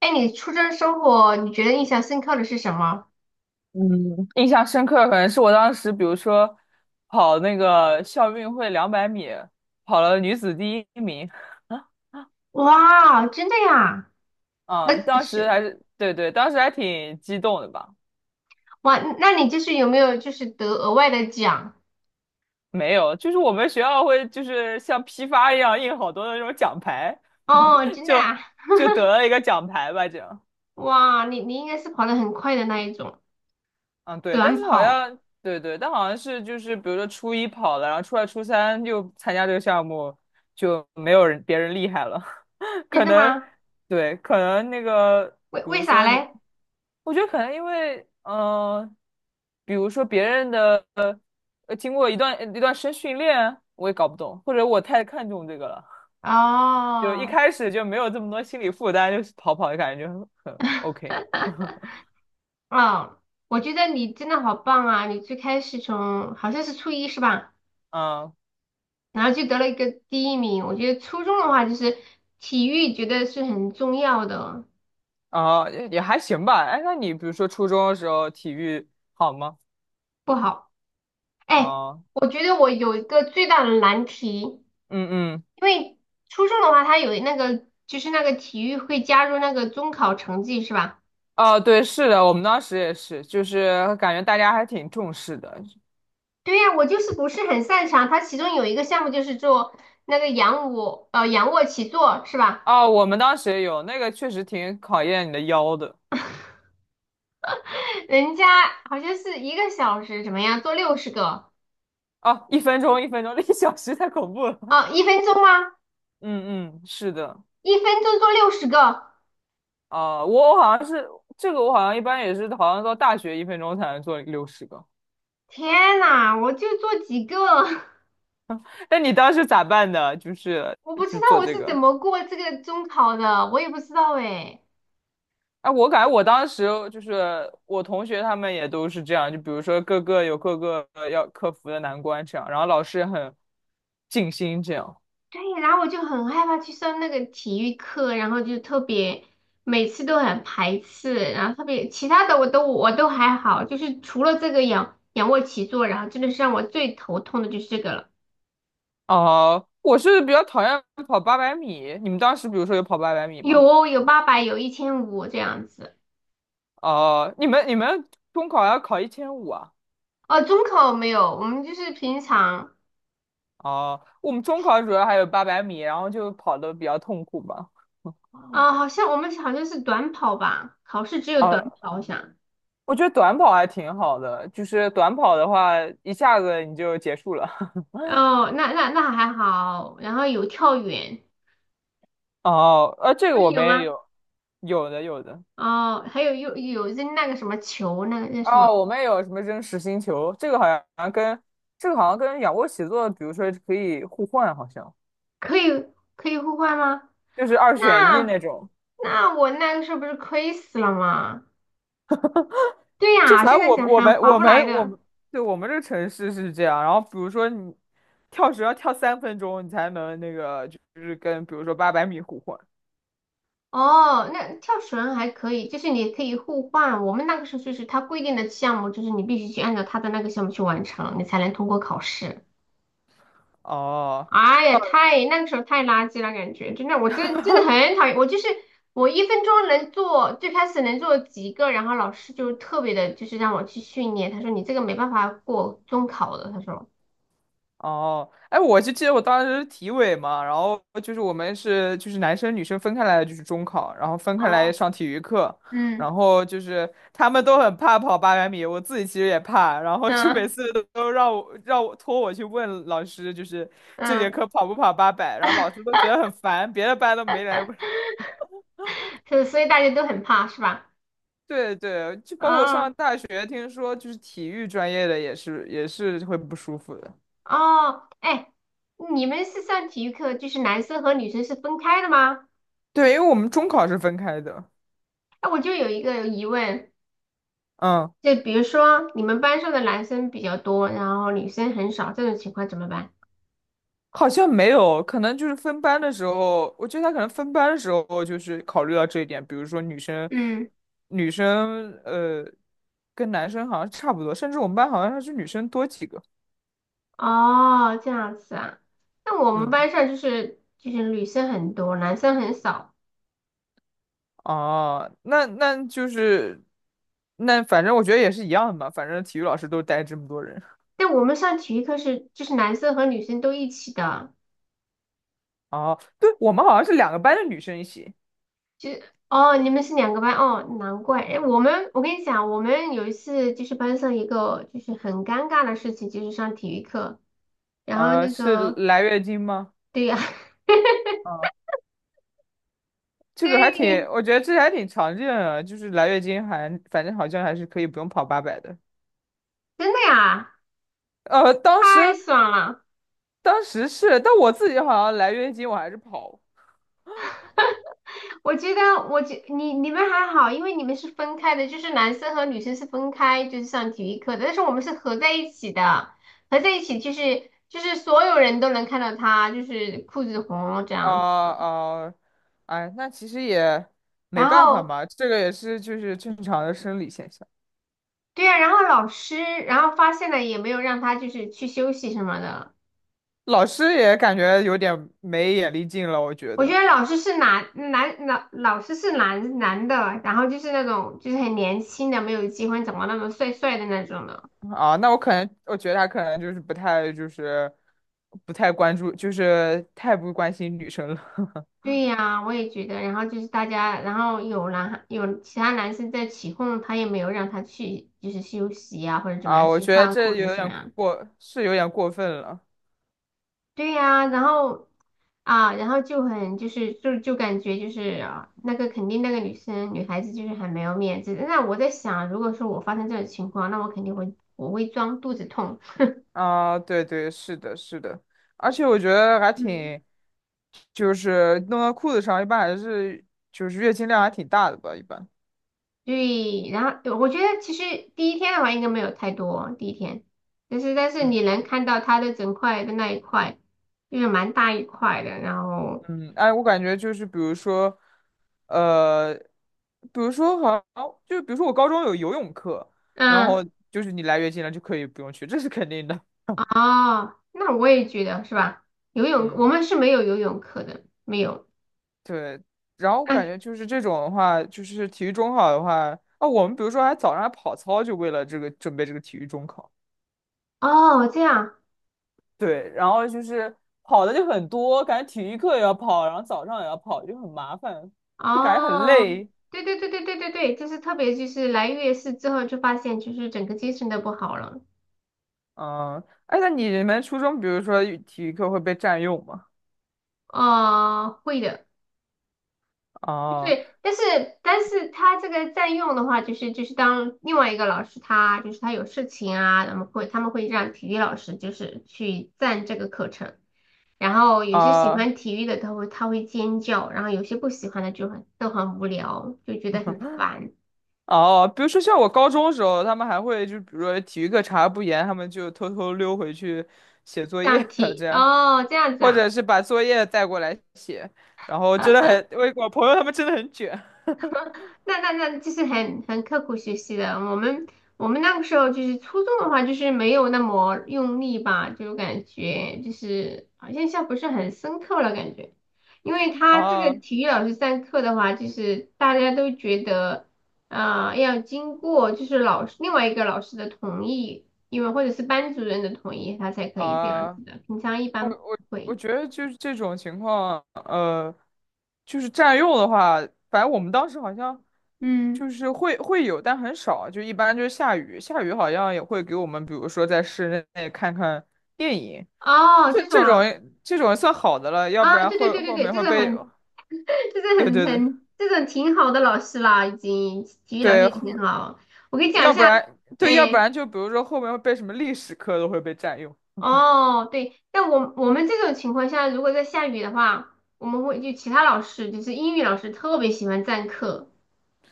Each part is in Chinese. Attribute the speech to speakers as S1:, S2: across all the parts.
S1: 哎，你初中生活，你觉得印象深刻的是什么？
S2: 嗯，印象深刻可能是我当时，比如说跑那个校运会200米，跑了女子第一名。
S1: 哇，真的呀？
S2: 嗯，
S1: 那
S2: 当时
S1: 是。
S2: 还是对对，当时还挺激动的吧？
S1: 哇，那你就是有没有就是得额外的奖？
S2: 没有，就是我们学校会就是像批发一样印好多的那种奖牌，
S1: 哦，真的
S2: 就
S1: 啊？
S2: 就得了一个奖牌吧，这样。
S1: 哇，你应该是跑得很快的那一种。
S2: 嗯，对，但
S1: 短
S2: 是好
S1: 跑。
S2: 像对对，但好像是就是比如说初一跑了，然后初二、初三又参加这个项目，就没有人别人厉害了。
S1: 真
S2: 可
S1: 的
S2: 能
S1: 吗？
S2: 对，可能那个，
S1: 为
S2: 比如
S1: 为啥
S2: 说你，
S1: 嘞？
S2: 我觉得可能因为，比如说别人的，经过一段一段时间训练，我也搞不懂，或者我太看重这个了，就一
S1: 哦。
S2: 开始就没有这么多心理负担，就是跑跑的感觉很 OK,
S1: 哦，我觉得你真的好棒啊！你最开始从好像是初一是吧？
S2: 嗯，
S1: 然后就得了一个第一名。我觉得初中的话，就是体育觉得是很重要的。
S2: 哦，也还行吧。哎，那你比如说初中的时候体育好吗？
S1: 不好。哎，
S2: 啊，
S1: 我觉得我有一个最大的难题，因
S2: 嗯嗯。
S1: 为初中的话，它有那个就是那个体育会加入那个中考成绩是吧？
S2: 哦，对，是的，我们当时也是，就是感觉大家还挺重视的，
S1: 对呀，我就是不是很擅长。它其中有一个项目就是做那个仰卧起坐是吧？
S2: 啊，我们当时也有那个，确实挺考验你的腰的。
S1: 人家好像是1个小时怎么样做六十个。
S2: 啊，一分钟，一分钟，1小时太恐怖了。
S1: 哦，一分钟吗？
S2: 嗯嗯，是的。
S1: 一分钟做六十个。
S2: 啊，我好像是这个，我好像一般也是，好像到大学一分钟才能做60个。
S1: 天呐，我就做几个，
S2: 那你当时咋办的？就是
S1: 我不知
S2: 就
S1: 道
S2: 做
S1: 我
S2: 这
S1: 是怎
S2: 个？
S1: 么过这个中考的，我也不知道哎。
S2: 哎、我感觉我当时就是我同学他们也都是这样，就比如说各个有各个要克服的难关这样，然后老师也很尽心这样。
S1: 对，然后我就很害怕去上那个体育课，然后就特别每次都很排斥，然后特别其他的我都还好，就是除了这个仰卧起坐，然后真的是让我最头痛的就是这个了。
S2: 哦，我是比较讨厌跑八百米。你们当时比如说有跑八百米
S1: 有
S2: 吗？
S1: 哦，有800，有1500这样子。
S2: 哦，你们中考要考1500啊？
S1: 哦，中考没有，我们就是平常。
S2: 哦，我们中考主要还有八百米，然后就跑的比较痛苦吧。
S1: 啊，好像我们好像是短跑吧，考试只有短
S2: 啊，
S1: 跑，我想。
S2: 我觉得短跑还挺好的，就是短跑的话一下子你就结束了。
S1: 哦，那还好，然后有跳远。
S2: 哦，这个
S1: 你们
S2: 我
S1: 有
S2: 们也
S1: 吗？
S2: 有，有的有的。
S1: 哦，还有扔那个什么球，那个那什么？
S2: 哦，我们也有什么扔实心球，这个好像跟仰卧起坐，比如说可以互换，好像
S1: 可以可以互换吗？
S2: 就是二选一那
S1: 那
S2: 种。
S1: 那我那个时候不是亏死了吗？对
S2: 就
S1: 呀，
S2: 反
S1: 现
S2: 正
S1: 在
S2: 我
S1: 想
S2: 我
S1: 还
S2: 们
S1: 划
S2: 我
S1: 不来
S2: 们我
S1: 的。
S2: 们对，我们这个城市是这样，然后比如说你跳绳要跳3分钟，你才能那个就是跟比如说八百米互换。
S1: 哦，那跳绳还可以，就是你可以互换。我们那个时候就是他规定的项目，就是你必须去按照他的那个项目去完成，你才能通过考试。
S2: 哦，
S1: 哎呀，那个时候太垃圾了，感觉真的，我真的很讨厌。我就是我一分钟能做，最开始能做几个，然后老师就特别的，就是让我去训练。他说你这个没办法过中考的，他说。
S2: 哦，哎，我就记得我当时是体委嘛，然后就是我们是就是男生女生分开来的，就是中考，然后分开来
S1: 哦。
S2: 上体育课，
S1: 嗯
S2: 然后就是他们都很怕跑八百米，我自己其实也怕，然后就每
S1: 嗯
S2: 次都让我让我托我去问老师，就是这节
S1: 嗯，
S2: 课跑不跑八百，然后老师都觉得很烦，别的班都没来问。
S1: 所以大家都很怕是吧？
S2: 对对，就包括我
S1: 啊。
S2: 上大学，听说就是体育专业的也是会不舒服的。
S1: 哦，哎，你们是上体育课，就是男生和女生是分开的吗？
S2: 对，因为我们中考是分开的，
S1: 哎，我就有一个疑问。
S2: 嗯。
S1: 就比如说，你们班上的男生比较多，然后女生很少，这种情况怎么办？
S2: 好像没有，可能就是分班的时候，我觉得他可能分班的时候就是考虑到这一点，比如说女生，
S1: 嗯。
S2: 女生呃跟男生好像差不多，甚至我们班好像还是女生多几个。
S1: 哦，这样子啊。那我们
S2: 嗯，
S1: 班上就是女生很多，男生很少。
S2: 哦，那那就是那反正我觉得也是一样的嘛，反正体育老师都带这么多人。
S1: 但我们上体育课是就是男生和女生都一起的。
S2: 哦，对，我们好像是两个班的女生一起，
S1: 哦，你们是两个班哦，难怪。哎，我跟你讲，我们有一次就是班上一个就是很尴尬的事情，就是上体育课，然后那
S2: 是
S1: 个
S2: 来月经吗？
S1: 对呀。
S2: 嗯这个还挺，
S1: 对，
S2: 我觉得这还挺常见的，就是来月经还反正好像还是可以不用跑八百的。
S1: 真的呀，
S2: 当
S1: 太
S2: 时
S1: 爽了。
S2: 是，但我自己好像来月经我还是跑
S1: 我觉得，你们还好，因为你们是分开的，就是男生和女生是分开，就是上体育课的，但是我们是合在一起的，合在一起就是所有人都能看到他，就是裤子红这
S2: 啊
S1: 样子。
S2: 啊、呃哎，那其实也没
S1: 然
S2: 办法
S1: 后
S2: 嘛，这个也是就是正常的生理现象。
S1: 对呀，然后老师，然后发现了也没有让他就是去休息什么的。
S2: 老师也感觉有点没眼力劲了，我觉
S1: 我觉得
S2: 得
S1: 老师是男老师是男的，然后就是那种就是很年轻的，没有结婚，长得那么帅帅的那种的。
S2: 啊，那我可能我觉得他可能就是不太关注，就是太不关心女生了。
S1: 对呀，我也觉得。然后就是大家，然后有其他男生在起哄，他也没有让他去，就是休息呀，或者怎么
S2: 啊，
S1: 样
S2: 我
S1: 去
S2: 觉得
S1: 换
S2: 这
S1: 裤子
S2: 有
S1: 什么
S2: 点
S1: 样。
S2: 过，是有点过分了
S1: 对呀，然后啊，然后就很就是就感觉就是啊那个肯定那个女孩子就是很没有面子。那我在想，如果说我发生这种情况，那我肯定会装肚子痛。
S2: 啊！对对，是的，是的，而且我觉得还
S1: 嗯，
S2: 挺，就是弄到裤子上，一般还是就是月经量还挺大的吧，一般。
S1: 对，然后我觉得其实第一天的话应该没有太多，第一天，但是
S2: 嗯
S1: 你能看到它的整块的那一块，就是蛮大一块的。然后，
S2: 嗯，哎，我感觉就是比如说，呃，比如说好像就比如说我高中有游泳课，然
S1: 嗯。
S2: 后就是你来月经了就可以不用去，这是肯定的。
S1: 哦，那我也觉得是吧？游泳我
S2: 嗯。
S1: 们是没有游泳课的，没有。
S2: 对，然后我感
S1: 哎。
S2: 觉就是这种的话，就是体育中考的话，啊，我们比如说还早上还跑操，就为了这个准备这个体育中考。
S1: 哦，这样。
S2: 对，然后就是跑的就很多，感觉体育课也要跑，然后早上也要跑，就很麻烦，就感觉很
S1: 哦，
S2: 累。
S1: 对对对对对对对，就是特别就是来月事之后就发现就是整个精神都不好了。
S2: 嗯，哎，那你们初中，比如说体育课会被占用吗？
S1: 哦，会的。
S2: 哦
S1: 对，但是他这个占用的话，就是当另外一个老师他就是他有事情啊，他们会让体育老师就是去占这个课程，然后有些喜
S2: 啊
S1: 欢体育的他会尖叫，然后有些不喜欢的就很都很无聊，就觉得很烦。
S2: 哦，比如说像我高中的时候，他们还会就比如说体育课查不严，他们就偷偷溜回去写作
S1: 这样
S2: 业 这
S1: 体
S2: 样。
S1: 哦，这样子
S2: 或
S1: 啊。
S2: 者是把作业带过来写，然后真的很，我朋友他们真的很卷。
S1: 那就是很刻苦学习的。我们那个时候就是初中的话，就是没有那么用力吧，就感觉就是好像印象不是很深刻了感觉。因为他这个
S2: 啊
S1: 体育老师上课的话，就是大家都觉得，要经过就是另外一个老师的同意，因为或者是班主任的同意，他才可以这样
S2: 啊，
S1: 子的。平常一般不
S2: 我
S1: 会。
S2: 觉得就是这种情况，就是占用的话，反正我们当时好像
S1: 嗯。
S2: 就是会有，但很少，就一般就是下雨，下雨好像也会给我们，比如说在室内看看电影，
S1: 哦，
S2: 这
S1: 这种
S2: 这种
S1: 啊。
S2: 这种算好的了，要
S1: 啊，
S2: 不然
S1: 对对
S2: 后
S1: 对对
S2: 后
S1: 对，
S2: 面会被，
S1: 这是
S2: 对
S1: 很
S2: 对对
S1: 很这种挺好的老师啦，已经体育老师
S2: 对，
S1: 已经很好。我给你讲一
S2: 要不
S1: 下，
S2: 然对，要不
S1: 哎。
S2: 然就比如说后面会被什么历史课都会被占用。
S1: 哦，对，但我们这种情况下，如果在下雨的话，我们会就其他老师，就是英语老师特别喜欢占课，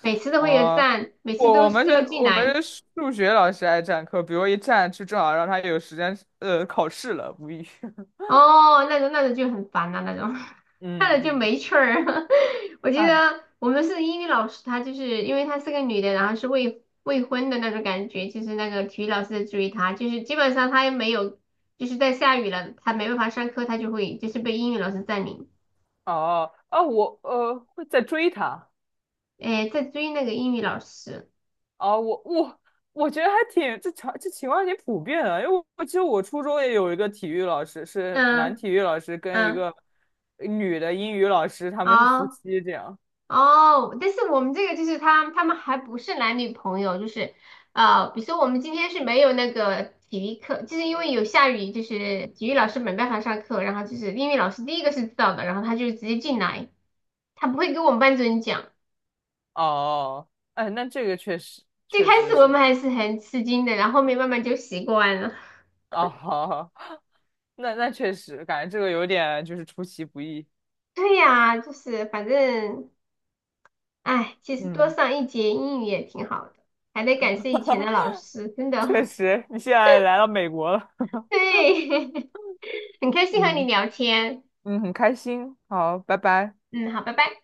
S1: 每次都会有
S2: 哦，
S1: 占，每次
S2: 我我
S1: 都
S2: 们
S1: 是要
S2: 是
S1: 进
S2: 我
S1: 来。
S2: 们是数学老师爱占课，比如一占就正好让他有时间考试了，无语。
S1: 哦，那种就很烦啊，那种。
S2: 嗯
S1: 看了就
S2: 嗯，
S1: 没趣儿。我记
S2: 哎，
S1: 得我们是英语老师，她就是因为她是个女的，然后是未婚的那种感觉，就是那个体育老师在追她，就是基本上她也没有，就是在下雨了，她没办法上课，她就会就是被英语老师占领。
S2: 哦啊，我会在追他
S1: 哎，在追那个英语老师。
S2: 啊，我我觉得还挺这情况挺普遍的，因为我记得我初中也有一个体育老师是男
S1: 嗯
S2: 体育老师跟一
S1: 嗯。
S2: 个女的英语老师，他们是夫
S1: 好。
S2: 妻这样。
S1: 哦，但是我们这个就是他们还不是男女朋友，就是比如说我们今天是没有那个体育课，就是因为有下雨，就是体育老师没办法上课，然后就是英语老师第一个是知道的，然后他就直接进来，他不会跟我们班主任讲。
S2: 哦，哎，那这个确实
S1: 最
S2: 确
S1: 开
S2: 实
S1: 始我
S2: 是
S1: 们还是很吃惊的，然后后面慢慢就习惯了。
S2: 哦。好好。那确实，感觉这个有点就是出其不意。
S1: 对呀，就是反正，哎，其实多
S2: 嗯，
S1: 上一节英语也挺好的，还得感谢以前的老师，真
S2: 确
S1: 的。
S2: 实，你现在来到美国了，
S1: 对。很开心和你
S2: 嗯
S1: 聊天。
S2: 嗯，很开心。好，拜拜。
S1: 嗯，好，拜拜。